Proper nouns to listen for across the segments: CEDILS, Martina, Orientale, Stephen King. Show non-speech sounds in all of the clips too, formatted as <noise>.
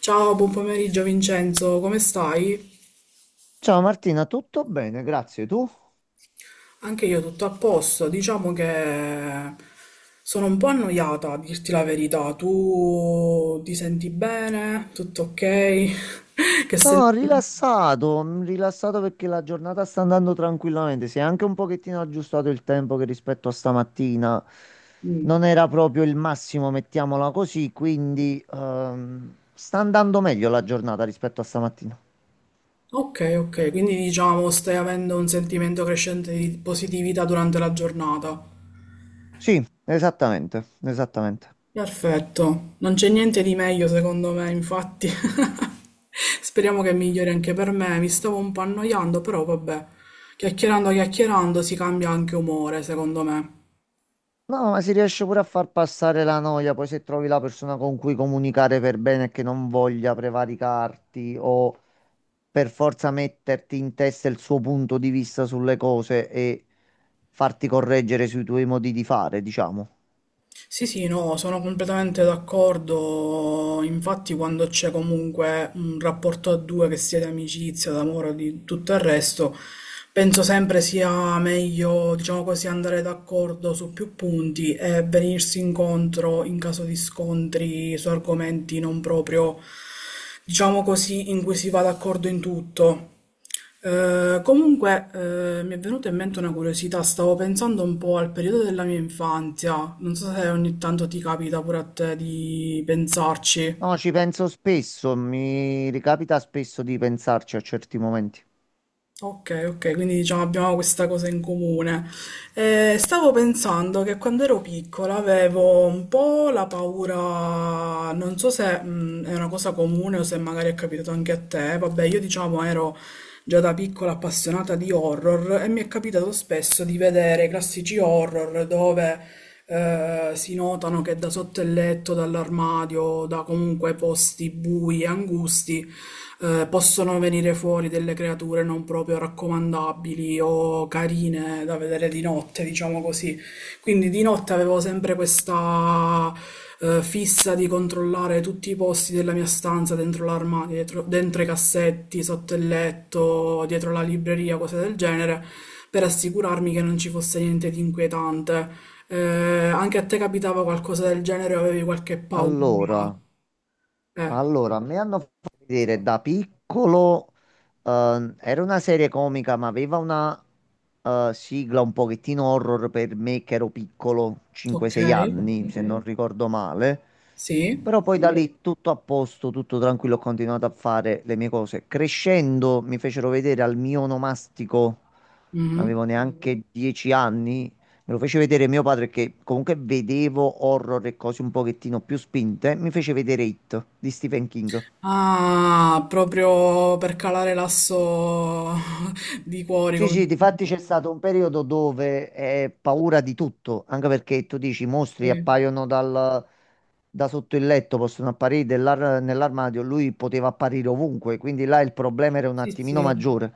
Ciao, buon pomeriggio Vincenzo, come stai? Ciao Martina, tutto bene? Grazie. Tu? Anche io tutto a posto, diciamo che sono un po' annoiata, a dirti la verità. Tu ti senti bene? Tutto ok? <laughs> Che sen- No, rilassato perché la giornata sta andando tranquillamente. Si è anche un pochettino aggiustato il tempo che rispetto a stamattina Mm. non era proprio il massimo, mettiamola così, quindi sta andando meglio la giornata rispetto a stamattina. Ok, ok, quindi diciamo stai avendo un sentimento crescente di positività durante la giornata. Sì, esattamente, esattamente. Perfetto, non c'è niente di meglio secondo me, infatti. <laughs> Speriamo che migliori anche per me. Mi stavo un po' annoiando, però vabbè, chiacchierando, chiacchierando si cambia anche umore, secondo me. No, ma si riesce pure a far passare la noia, poi se trovi la persona con cui comunicare per bene e che non voglia prevaricarti o per forza metterti in testa il suo punto di vista sulle cose e farti correggere sui tuoi modi di fare, diciamo. Sì, sì, no, sono completamente d'accordo. Infatti, quando c'è comunque un rapporto a due, che sia di amicizia, d'amore o di tutto il resto, penso sempre sia meglio, diciamo così, andare d'accordo su più punti e venirsi incontro in caso di scontri su argomenti non proprio, diciamo così, in cui si va d'accordo in tutto. Comunque, mi è venuta in mente una curiosità, stavo pensando un po' al periodo della mia infanzia, non so se ogni tanto ti capita pure a te di pensarci. No, ci penso spesso, mi ricapita spesso di pensarci a certi momenti. Ok, ok, quindi diciamo abbiamo questa cosa in comune. Stavo pensando che quando ero piccola avevo un po' la paura, non so se è una cosa comune o se magari è capitato anche a te, vabbè, io diciamo ero già da piccola appassionata di horror e mi è capitato spesso di vedere i classici horror dove si notano che da sotto il letto, dall'armadio, da comunque posti bui e angusti, possono venire fuori delle creature non proprio raccomandabili o carine da vedere di notte, diciamo così. Quindi di notte avevo sempre questa fissa di controllare tutti i posti della mia stanza, dentro l'armadio, dentro i cassetti, sotto il letto, dietro la libreria, cose del genere, per assicurarmi che non ci fosse niente di inquietante. Anche a te capitava qualcosa del genere, o avevi qualche paura? Allora, Eh, allora, mi hanno fatto vedere da piccolo, era una serie comica, ma aveva una sigla un pochettino horror per me che ero piccolo, ok, 5-6 anni, se non ricordo male. sì. Però poi da, sì, lì tutto a posto, tutto tranquillo, ho continuato a fare le mie cose. Crescendo mi fecero vedere al mio onomastico, non Mhm. avevo, mhm, neanche 10 anni, me lo fece vedere mio padre che comunque vedevo horror e cose un pochettino più spinte, mi fece vedere It di Stephen King. Ah, proprio per calare l'asso <laughs> di cuori, Sì, come... sì, difatti c'è stato un periodo dove è paura di tutto, anche perché tu dici i mostri Sì. appaiono da sotto il letto, possono apparire nell'armadio, lui poteva apparire ovunque, quindi là il problema era un Sì, attimino sì. maggiore.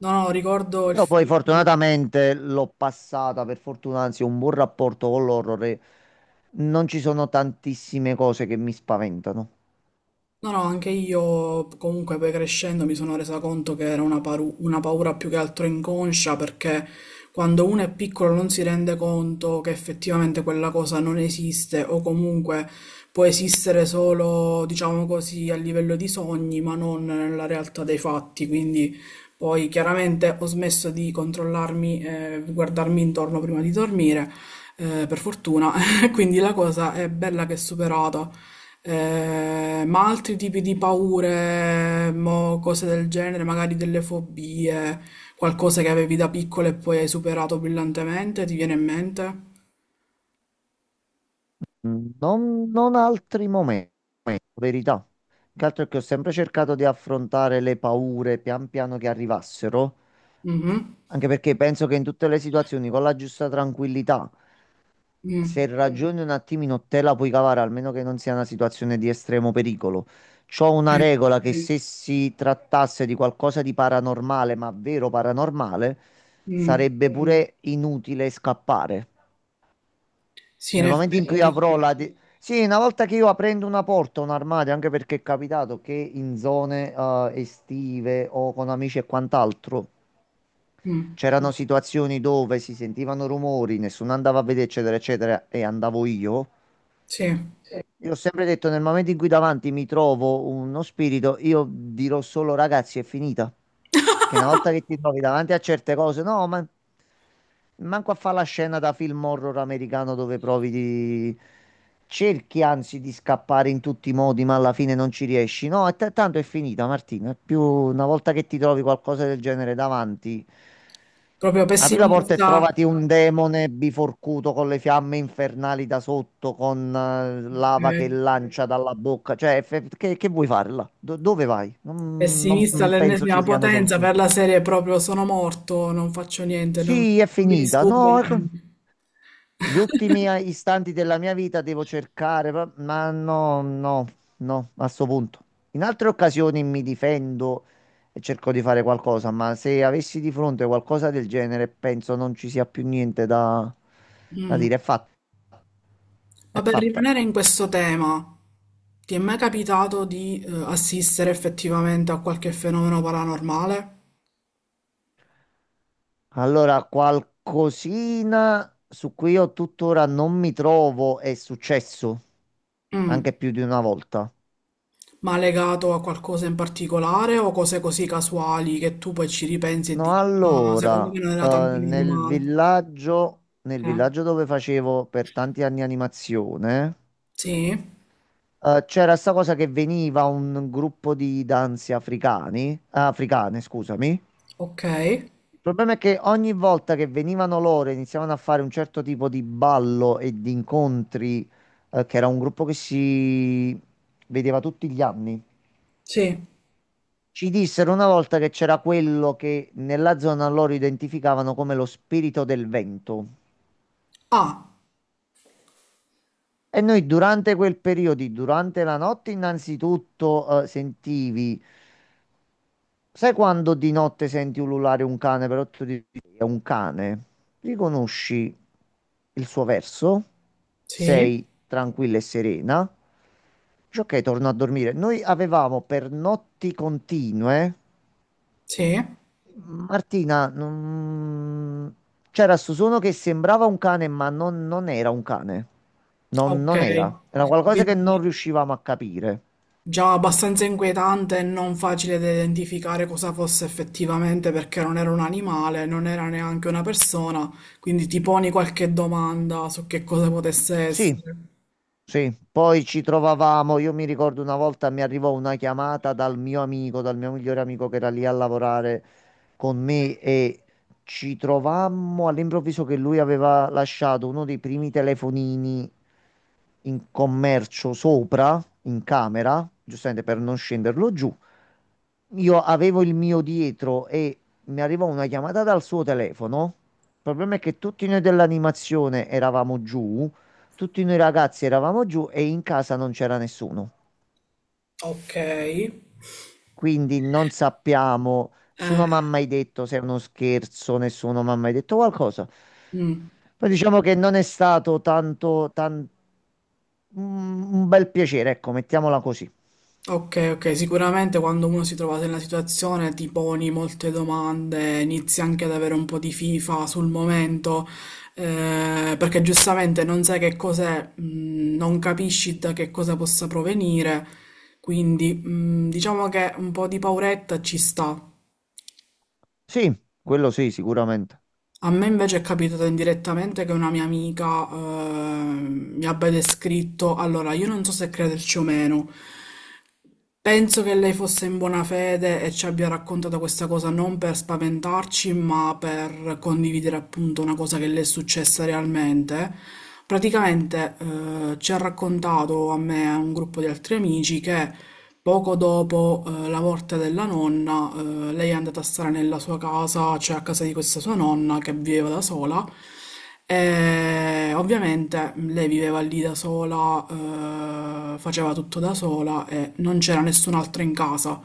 No, no, ricordo il Però poi film. fortunatamente l'ho passata, per fortuna, anzi, ho un buon rapporto con l'horror e non ci sono tantissime cose che mi spaventano. No, no, anche io comunque poi crescendo mi sono resa conto che era una, una paura più che altro inconscia perché quando uno è piccolo non si rende conto che effettivamente quella cosa non esiste o comunque può esistere solo, diciamo così, a livello di sogni, ma non nella realtà dei fatti. Quindi poi chiaramente ho smesso di controllarmi e guardarmi intorno prima di dormire per fortuna. Quindi la cosa è bella che è superata. Ma altri tipi di paure, mo, cose del genere, magari delle fobie, qualcosa che avevi da piccolo e poi hai superato brillantemente, ti viene in mente? Non altri momenti. Verità. Che altro è che ho sempre cercato di affrontare le paure pian piano che arrivassero, Mhm. anche perché penso che in tutte le situazioni, con la giusta tranquillità, se Mm, ragioni un attimino te la puoi cavare, almeno che non sia una situazione di estremo pericolo. C'ho una regola che se si trattasse di qualcosa di paranormale, ma vero paranormale, mm. sarebbe pure inutile scappare. Sì, in Nel momento in cui, sì, effetti avrò sì. la, sì, una volta che io aprendo una porta, un armadio, anche perché è capitato che in zone estive o con amici e quant'altro, Mm, c'erano situazioni dove si sentivano rumori, nessuno andava a vedere, eccetera, eccetera, e andavo io. sì. Sì. Io ho sempre detto, nel momento in cui davanti mi trovo uno spirito, io dirò solo ragazzi, è finita. Che una volta che ti trovi davanti a certe cose, no, ma manco a fare la scena da film horror americano dove provi di... Cerchi anzi di scappare in tutti i modi, ma alla fine non ci riesci. No, è tanto è finita, Martina. È più una volta che ti trovi qualcosa del genere davanti. Proprio Apri la porta e, adesso, pessimista, trovati un demone biforcuto con le fiamme infernali da sotto, con ok. lava che lancia dalla bocca. Cioè, che vuoi farla? Dove vai? Non Pessimista È penso ci all'ennesima siano finita potenza per soluzioni. la serie proprio sono morto, non faccio niente, non, Sì, è non mi finita. disturba No, è. neanche. Gli <laughs> ultimi istanti della mia vita devo cercare, ma no, no, no, a sto punto. In altre occasioni mi difendo e cerco di fare qualcosa, ma se avessi di fronte qualcosa del genere, penso non ci sia più niente da Mm. dire. È fatta, è Ma per fatta. rimanere in questo tema, ti è mai capitato di assistere effettivamente a qualche fenomeno paranormale? Allora, qualcosina su cui io tuttora non mi trovo è successo, Mm. anche più di una volta. Ma legato a qualcosa in particolare o cose così casuali che tu poi ci ripensi e No, dici, ma secondo allora, me non era tanto normale? Nel Eh, villaggio dove facevo per tanti anni animazione, Sì, c'era sta cosa che veniva un gruppo di danze africani, africane, scusami. Il ok, problema è che ogni volta che venivano loro e iniziavano a fare un certo tipo di ballo e di incontri, che era un gruppo che si vedeva tutti gli anni. sì. Ci dissero una volta che c'era quello che nella zona loro identificavano come lo spirito del vento. Ah, E noi durante quel periodo, durante la notte, innanzitutto sentivi, sai quando di notte senti ululare un cane, però tu dici è un cane, riconosci il suo verso, sì, sei tranquilla e serena, dici ok, torno a dormire. Noi avevamo per notti continue. sì, Martina, c'era sto suono che sembrava un cane, ma non era un cane. Non, ok. non era. Era qualcosa che non Quindi riuscivamo a capire. già abbastanza inquietante e non facile da identificare cosa fosse effettivamente perché non era un animale, non era neanche una persona, quindi ti poni qualche domanda su che cosa potesse Sì, essere. sì. Poi ci trovavamo. Io mi ricordo una volta mi arrivò una chiamata dal mio amico, dal mio migliore amico che era lì a lavorare con me e ci trovammo all'improvviso che lui aveva lasciato uno dei primi telefonini in commercio sopra, in camera, giustamente per non scenderlo giù. Io avevo il mio dietro e mi arrivò una chiamata dal suo telefono. Il problema è che tutti noi dell'animazione eravamo giù, tutti noi ragazzi eravamo giù e in casa non c'era nessuno. Ok. Quindi non sappiamo, nessuno mi ha mai detto se è uno scherzo, nessuno mi ha mai detto qualcosa. Mm. Poi diciamo che non è stato un bel piacere, ecco, mettiamola così. Ok, ok, sicuramente quando uno si trova nella situazione ti poni molte domande, inizi anche ad avere un po' di fifa sul momento, perché giustamente non sai che cos'è, non capisci da che cosa possa provenire, quindi diciamo che un po' di pauretta ci sta. Sì, quello sì, sicuramente. A me invece è capitato indirettamente che una mia amica mi abbia descritto, allora io non so se crederci o meno. Penso che lei fosse in buona fede e ci abbia raccontato questa cosa non per spaventarci, ma per condividere appunto una cosa che le è successa realmente. Praticamente, ci ha raccontato a me e a un gruppo di altri amici che poco dopo, la morte della nonna, lei è andata a stare nella sua casa, cioè a casa di questa sua nonna che viveva da sola. E ovviamente lei viveva lì da sola, faceva tutto da sola e non c'era nessun'altra in casa.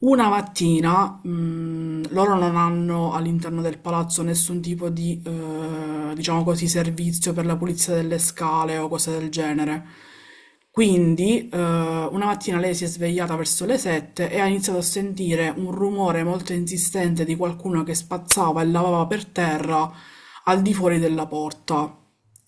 Una mattina, loro non hanno all'interno del palazzo nessun tipo di, diciamo così, servizio per la pulizia delle scale o cose del genere. Quindi, una mattina lei si è svegliata verso le 7 e ha iniziato a sentire un rumore molto insistente di qualcuno che spazzava e lavava per terra al di fuori della porta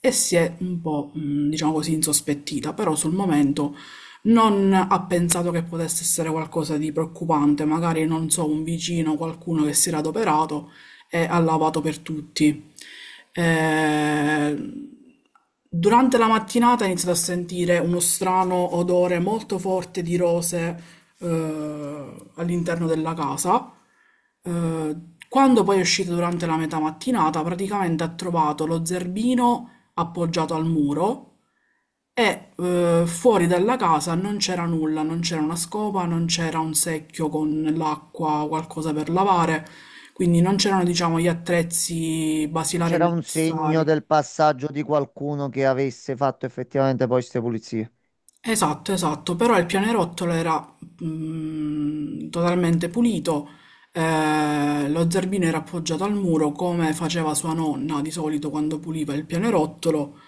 e si è un po', diciamo così, insospettita, però sul momento non ha pensato che potesse essere qualcosa di preoccupante, magari non so, un vicino, qualcuno che si era adoperato e ha lavato per tutti. Eh, Durante la mattinata ha iniziato a sentire uno strano odore molto forte di rose all'interno della casa. Eh, Quando poi è uscito durante la metà mattinata, praticamente ha trovato lo zerbino appoggiato al muro e fuori dalla casa non c'era nulla, non c'era una scopa, non c'era un secchio con l'acqua, qualcosa per lavare, quindi non c'erano, diciamo, gli attrezzi basilari C'era un segno necessari. del passaggio di qualcuno che avesse fatto effettivamente poi queste pulizie. Esatto, esatto, però il pianerottolo era totalmente pulito, lo zerbino era appoggiato al muro come faceva sua nonna di solito quando puliva il pianerottolo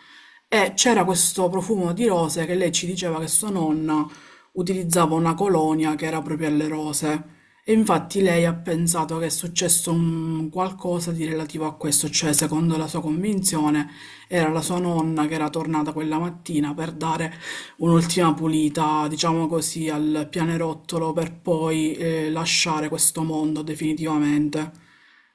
e c'era questo profumo di rose che lei ci diceva che sua nonna utilizzava una colonia che era proprio alle rose e infatti lei ha pensato che è successo un qualcosa di relativo a questo, cioè secondo la sua convinzione era la sua nonna che era tornata quella mattina per dare un'ultima pulita, diciamo così, al pianerottolo per poi lasciare questo mondo definitivamente.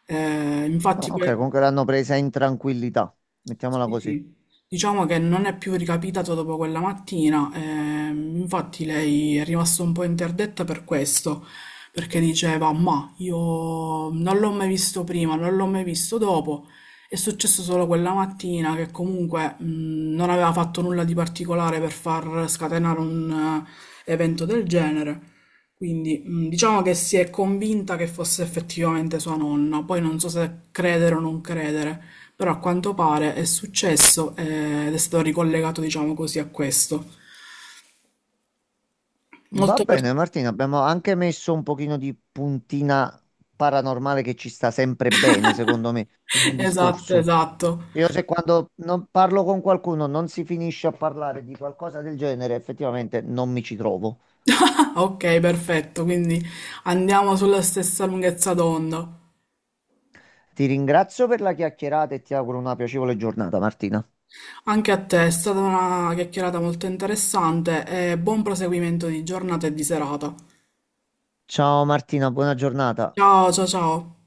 Eh, Ah, infatti, ok, per- comunque l'hanno presa in tranquillità, mettiamola sì, così. sì. Diciamo che non è più ricapitato dopo quella mattina, infatti lei è rimasta un po' interdetta per questo, perché diceva, ma io non l'ho mai visto prima, non l'ho mai visto dopo, è successo solo quella mattina che comunque non aveva fatto nulla di particolare per far scatenare un evento del genere, quindi diciamo che si è convinta che fosse effettivamente sua nonna, poi non so se credere o non credere. Però a quanto pare è successo ed è stato ricollegato, diciamo così, a questo. Va Molto per- bene, Martina, abbiamo anche messo un pochino di puntina paranormale che ci sta sempre bene, secondo me, in un <laughs> Esatto, discorso. esatto. Io <laughs> se quando non parlo con qualcuno non si finisce a parlare di qualcosa del genere, effettivamente non mi ci trovo. Ah, ok, perfetto, quindi andiamo sulla stessa lunghezza d'onda. Ti ringrazio per la chiacchierata e ti auguro una piacevole giornata, Martina. Anche a te è stata una chiacchierata molto interessante e buon proseguimento di giornata e di serata. Ciao Martina, buona giornata. Ciao, ciao, ciao.